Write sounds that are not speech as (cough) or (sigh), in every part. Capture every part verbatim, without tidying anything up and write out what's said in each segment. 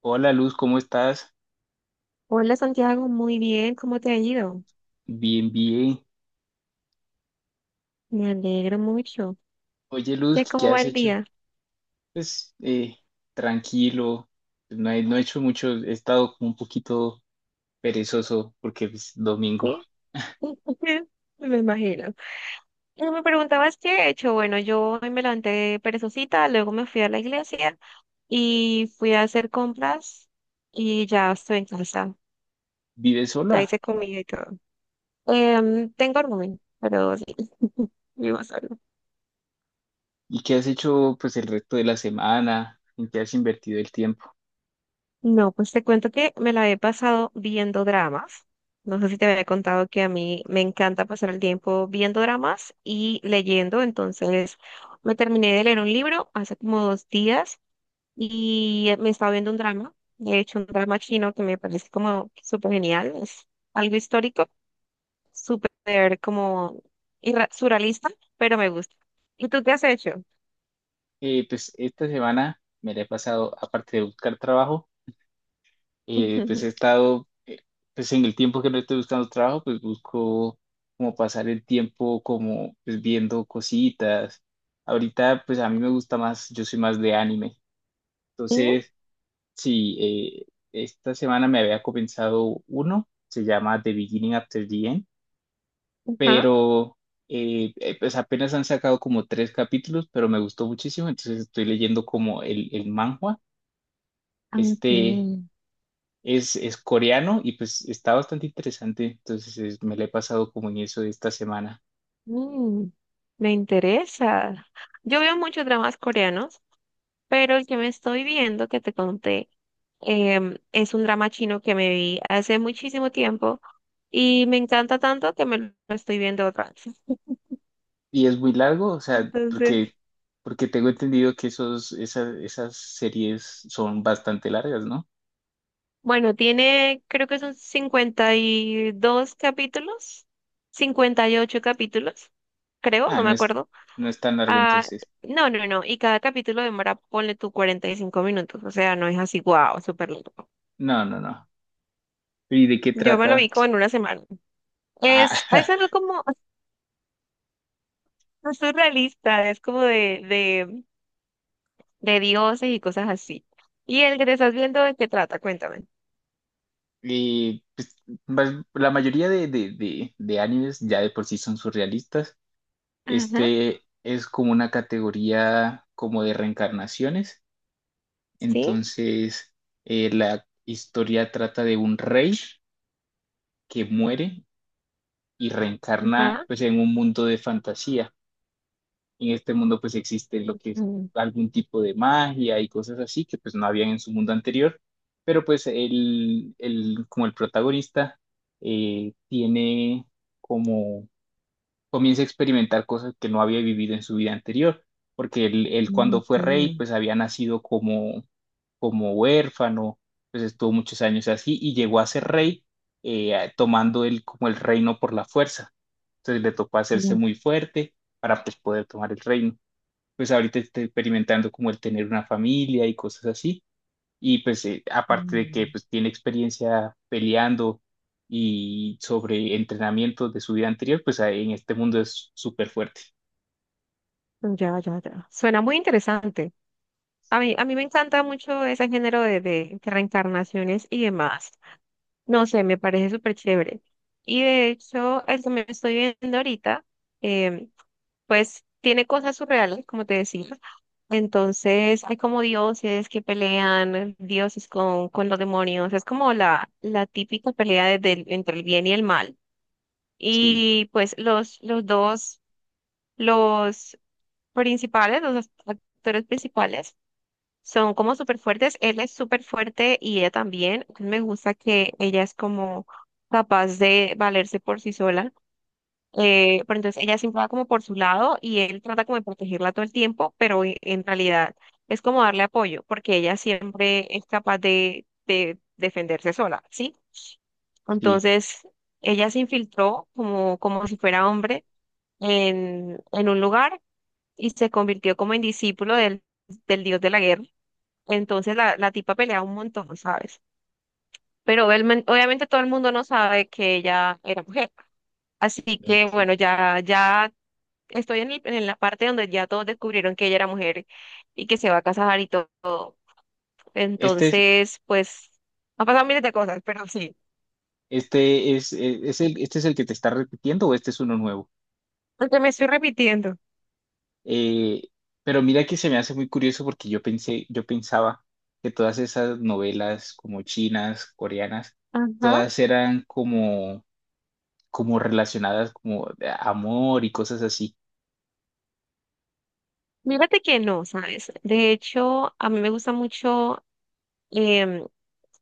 Hola Luz, ¿cómo estás? Hola Santiago, muy bien, ¿cómo te ha ido? Bien, bien. Me alegro mucho. Oye ¿Qué, Luz, cómo ¿qué va has el hecho? día? Pues eh, tranquilo, no he, no he hecho mucho, he estado como un poquito perezoso porque es domingo. Sí, (laughs) me imagino. Y me preguntabas qué he hecho. Bueno, yo hoy me levanté perezosita, luego me fui a la iglesia y fui a hacer compras y ya estoy en casa. ¿Vives Ya sola? hice comida y todo. Em, tengo rumen, pero sí, (laughs) vivo sola. ¿Y qué has hecho pues el resto de la semana? ¿En qué has invertido el tiempo? No, pues te cuento que me la he pasado viendo dramas. No sé si te había contado que a mí me encanta pasar el tiempo viendo dramas y leyendo. Entonces, me terminé de leer un libro hace como dos días y eh, me estaba viendo un drama. De hecho, un drama chino que me parece como súper genial. Es algo histórico, súper como irra- surrealista, pero me gusta. ¿Y tú qué has hecho? Eh, pues esta semana me la he pasado, aparte de buscar trabajo. Eh, pues he (laughs) estado, eh, pues en el tiempo que no estoy buscando trabajo, pues busco como pasar el tiempo como pues viendo cositas. Ahorita pues a mí me gusta más, yo soy más de anime. Ujú. Entonces sí, eh, esta semana me había comenzado uno, se llama The Beginning After the End, Ajá. pero eh, eh, pues apenas han sacado como tres capítulos, pero me gustó muchísimo, entonces estoy leyendo como el, el manhwa. Ah, Este... ok. Es, es coreano y pues está bastante interesante. Entonces es- me la he pasado como en eso esta semana. Mm, me interesa. Yo veo muchos dramas coreanos, pero el que me estoy viendo, que te conté, em, es un drama chino que me vi hace muchísimo tiempo y me encanta tanto que me lo estoy viendo otra vez. (laughs) Y es muy largo, o sea, Entonces, porque, porque tengo entendido que esos, esas, esas series son bastante largas, ¿no? bueno, tiene, creo que son cincuenta y dos capítulos, cincuenta y ocho capítulos, creo, Ah, no me no es, acuerdo. no es tan largo Ah, entonces. no, no, no, y cada capítulo demora, ponle tú cuarenta y cinco minutos, o sea, no es así, wow, súper largo. No, no, no. ¿Y de qué Yo me lo trata? vi como en una semana. Es, es Ah, algo (laughs) como (laughs) surrealista, es como de, de, de dioses y cosas así. ¿Y el que te estás viendo de qué trata? Cuéntame. y pues, más- la mayoría de, de, de, de animes ya de por sí son surrealistas. Ajá, Este es como una categoría como de reencarnaciones. sí, Entonces, eh, la historia trata de un rey que muere y reencarna ajá. pues en un mundo de fantasía. En este mundo pues existe lo que es Mm, algún tipo de magia y cosas así que pues no habían en su mundo anterior, pero pues el, el- como el protagonista eh, tiene como, comienza a experimentar cosas que no había vivido en su vida anterior, porque él, él mm, cuando fue rey, mm, pues había nacido como, como huérfano, pues estuvo muchos años así y llegó a ser rey, eh, a- tomando él como el reino por la fuerza. Entonces le tocó hacerse mm, muy fuerte para, pues, poder tomar el reino. Pues ahorita está experimentando como el tener una familia y cosas así, y pues eh, aparte de que mm. pues tiene experiencia peleando y sobre entrenamiento de su vida anterior, pues ahí en este mundo es súper fuerte. Ya, ya, ya. Suena muy interesante. A mí, a mí me encanta mucho ese género de, de reencarnaciones y demás. No sé, me parece súper chévere. Y de hecho, el que me estoy viendo ahorita, em, pues tiene cosas surreales, como te decía. Entonces hay como dioses que pelean, dioses con, con los demonios. Es como la, la típica pelea de- del- entre el bien y el mal. Sí, Y pues los, los dos, los principales, los actores principales, son como súper fuertes. Él es súper fuerte y ella también. Me gusta que ella es como capaz de valerse por sí sola, eh, pero entonces ella siempre va como por su lado y él trata como de protegerla todo el tiempo, pero e- en realidad es como darle apoyo, porque ella siempre es capaz de, de defenderse sola, ¿sí? sí, Entonces ella se infiltró como, como si fuera hombre en, en un lugar y se convirtió como en discípulo del, del dios de la guerra. Entonces la, la tipa pelea un montón, ¿sabes? Pero obviamente obviamente todo el mundo no sabe que ella era mujer. Así mm, que sí. bueno, ya, ya estoy en, el- en la parte donde ya todos descubrieron que ella era mujer y que se va a casar y todo. Este, es- Entonces, pues, han pasado miles de cosas, pero sí. este es, eh, es el, este es el que te está repitiendo o este es uno nuevo. Aunque me estoy repitiendo. Eh, pero mira que se me hace muy curioso porque yo pensé, yo pensaba que todas esas novelas como chinas, coreanas, Ajá. todas eran como, como relacionadas como de amor y cosas así. Mírate que no, ¿sabes? De hecho, a mí me gusta mucho, em,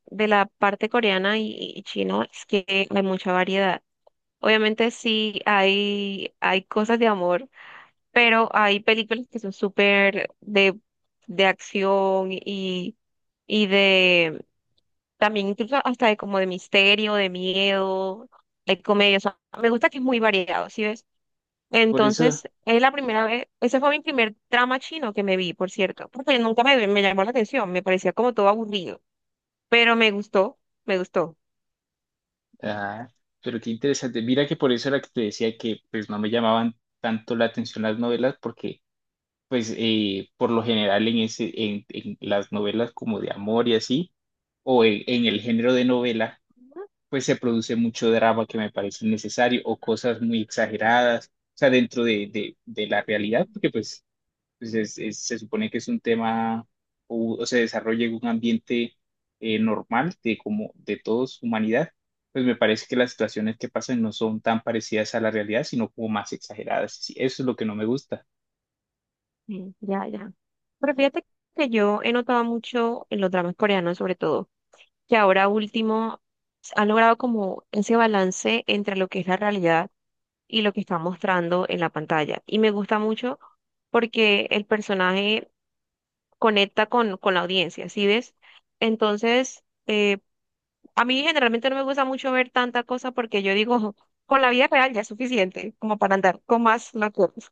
de la parte coreana y, y chino, es que hay mucha variedad. Obviamente sí hay, hay cosas de amor, pero hay películas que son súper de, de acción y, y de También incluso hasta de como de misterio, de miedo, de comedia. O sea, me gusta que es muy variado, ¿sí ves? Por Entonces, eso. es la primera vez, ese fue mi primer drama chino que me vi, por cierto, porque nunca me, me llamó la atención, me parecía como todo aburrido, pero me gustó, me gustó. Ah, pero qué interesante. Mira que por eso era que te decía que pues no me llamaban tanto la atención las novelas, porque pues eh, por lo general en ese en, en las novelas como de amor y así, o en, en el género de novela pues se produce mucho drama que me parece innecesario o cosas muy exageradas, o sea, dentro de, de, de la realidad, porque pues pues es- es- se supone que es un tema o, o se desarrolla en un ambiente eh, normal de como de todos humanidad, pues me parece que las situaciones que pasan no son tan parecidas a la realidad, sino como más exageradas. Sí, eso es lo que no me gusta. Mm, ya, ya. Pero fíjate que yo he notado mucho en los dramas coreanos, sobre todo, que ahora último s- han logrado como ese balance entre lo que es la realidad y lo que está mostrando en la pantalla. Y me gusta mucho porque el personaje conecta con, con la audiencia, ¿sí ves? Entonces, eh, a mí generalmente no me gusta mucho ver tanta cosa porque yo digo, (laughs) con la vida real ya es suficiente como para andar con más locuras.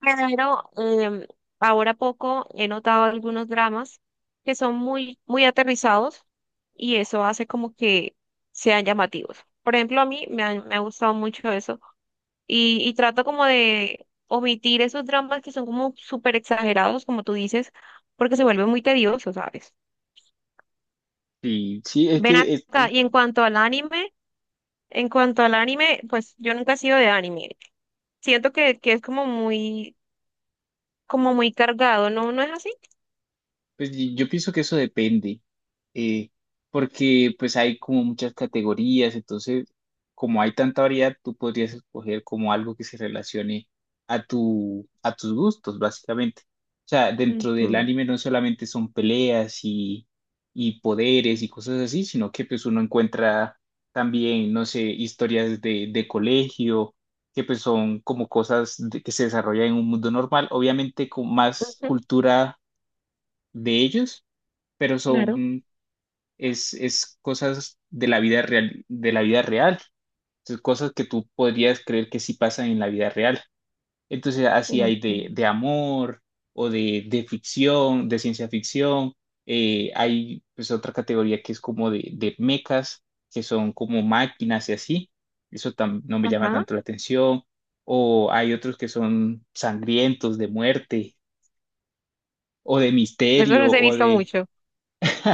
Pero em, ahora poco he notado algunos dramas que son muy, muy aterrizados y eso hace como que sean llamativos. Por ejemplo, a mí me han- me ha gustado mucho eso y, y trato como de omitir esos dramas que son como súper exagerados, como tú dices, porque se vuelve muy tedioso, ¿sabes? Y sí, es Ven que acá, es- y en cuanto al anime, en cuanto al anime, pues yo nunca he sido de anime. Siento que, que es como muy, como muy cargado, ¿no? ¿No es así? pues y- yo pienso que eso depende, eh, porque pues hay como muchas categorías, entonces como hay tanta variedad, tú podrías escoger como algo que se relacione a tu, a tus gustos, básicamente. O sea, dentro del Ujú, anime no solamente son peleas y, y poderes y cosas así, sino que pues uno encuentra también, no sé, historias de, de colegio, que pues son como cosas de- que se desarrollan en un mundo normal, obviamente con más ujú, cultura de ellos, pero claro. son, es, es cosas de la vida real, de la vida real. Entonces, cosas que tú podrías creer que sí pasan en la vida real. Entonces, así hay de, Ok. de amor o de, de ficción, de ciencia ficción. Eh, hay pues otra categoría que es como de, de mecas, que son como máquinas y así. Eso tam- no me llama Ajá. tanto la atención. O hay otros que son sangrientos, de muerte, o de Eso misterio, los he o visto de... mucho. (laughs)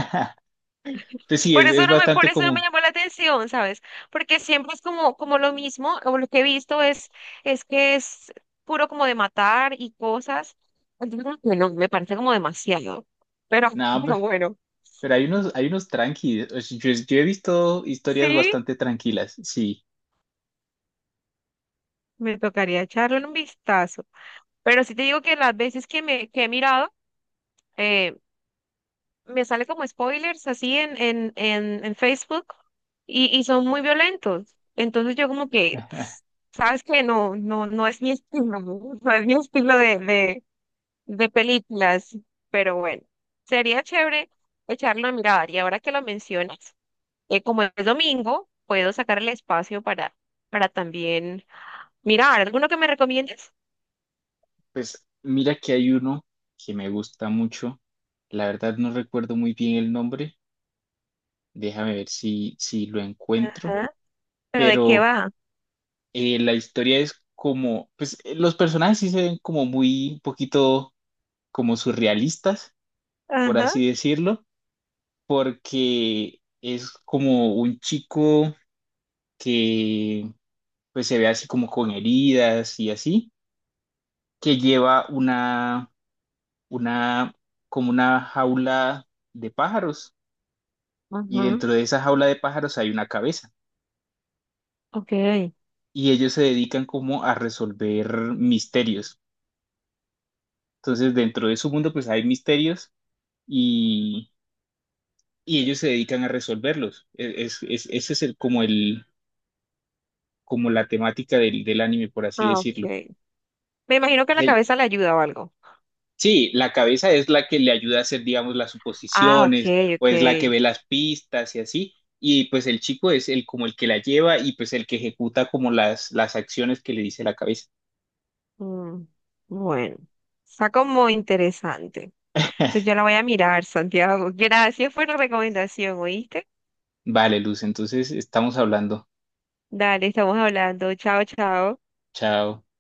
Entonces sí, Por es, eso es no me, Por bastante eso no me común. llamó la atención, ¿sabes? Porque siempre es como, como lo mismo, o lo que he visto es, es que es puro como de matar y cosas. Entonces, como que no, me parece como demasiado. Pero, (laughs) No, pe- pero bueno, pero hay unos, hay unos tranquilos. Yo, yo he visto historias sí, bastante tranquilas. Sí, me tocaría echarle un vistazo. Pero sí te digo que las veces que me que he mirado, eh, me sale como spoilers así en, en, en, en Facebook y, y son muy violentos. Entonces yo como que, pues, sabes que no, no, no es mi (laughs) estilo, no. No es mi estilo de, de, de películas, pero bueno, sería chévere echarlo a mirar. Y ahora que lo mencionas, eh, como es domingo, puedo sacar el espacio para, para también mirar. ¿Alguno que me recomiendes? pues mira que hay uno que me gusta mucho. La verdad no recuerdo muy bien el nombre. Déjame ver si, si lo encuentro. Ajá. ¿Pero de qué Pero va? eh, la historia es como, pues eh, los personajes sí se ven como muy, un poquito como surrealistas, por Ajá. así decirlo, porque es como un chico que pues se ve así como con heridas y así, que lleva una, una, como una jaula de pájaros, y Ajá. dentro de esa jaula de pájaros hay una cabeza Ok. y ellos se dedican como a resolver misterios. Entonces dentro de su mundo pues hay misterios y, y ellos se dedican a resolverlos. Es, es, es- ese es el, como el, como la temática del, del anime, por así Ah, decirlo. ok. Me imagino que la cabeza le ayuda o algo. Sí, la cabeza es la que le ayuda a hacer, digamos, las Ah, ok, suposiciones o ok. es la que ve las pistas y así. Y pues el chico es el como el que la lleva y pues el que ejecuta como las, las acciones que le dice la cabeza. Mm, bueno, está como interesante. Entonces yo la voy a mirar, Santiago. (laughs) Gracias por la recomendación, ¿oíste? Vale, Luz, entonces estamos hablando. Dale, estamos hablando. Chao, chao. Chao.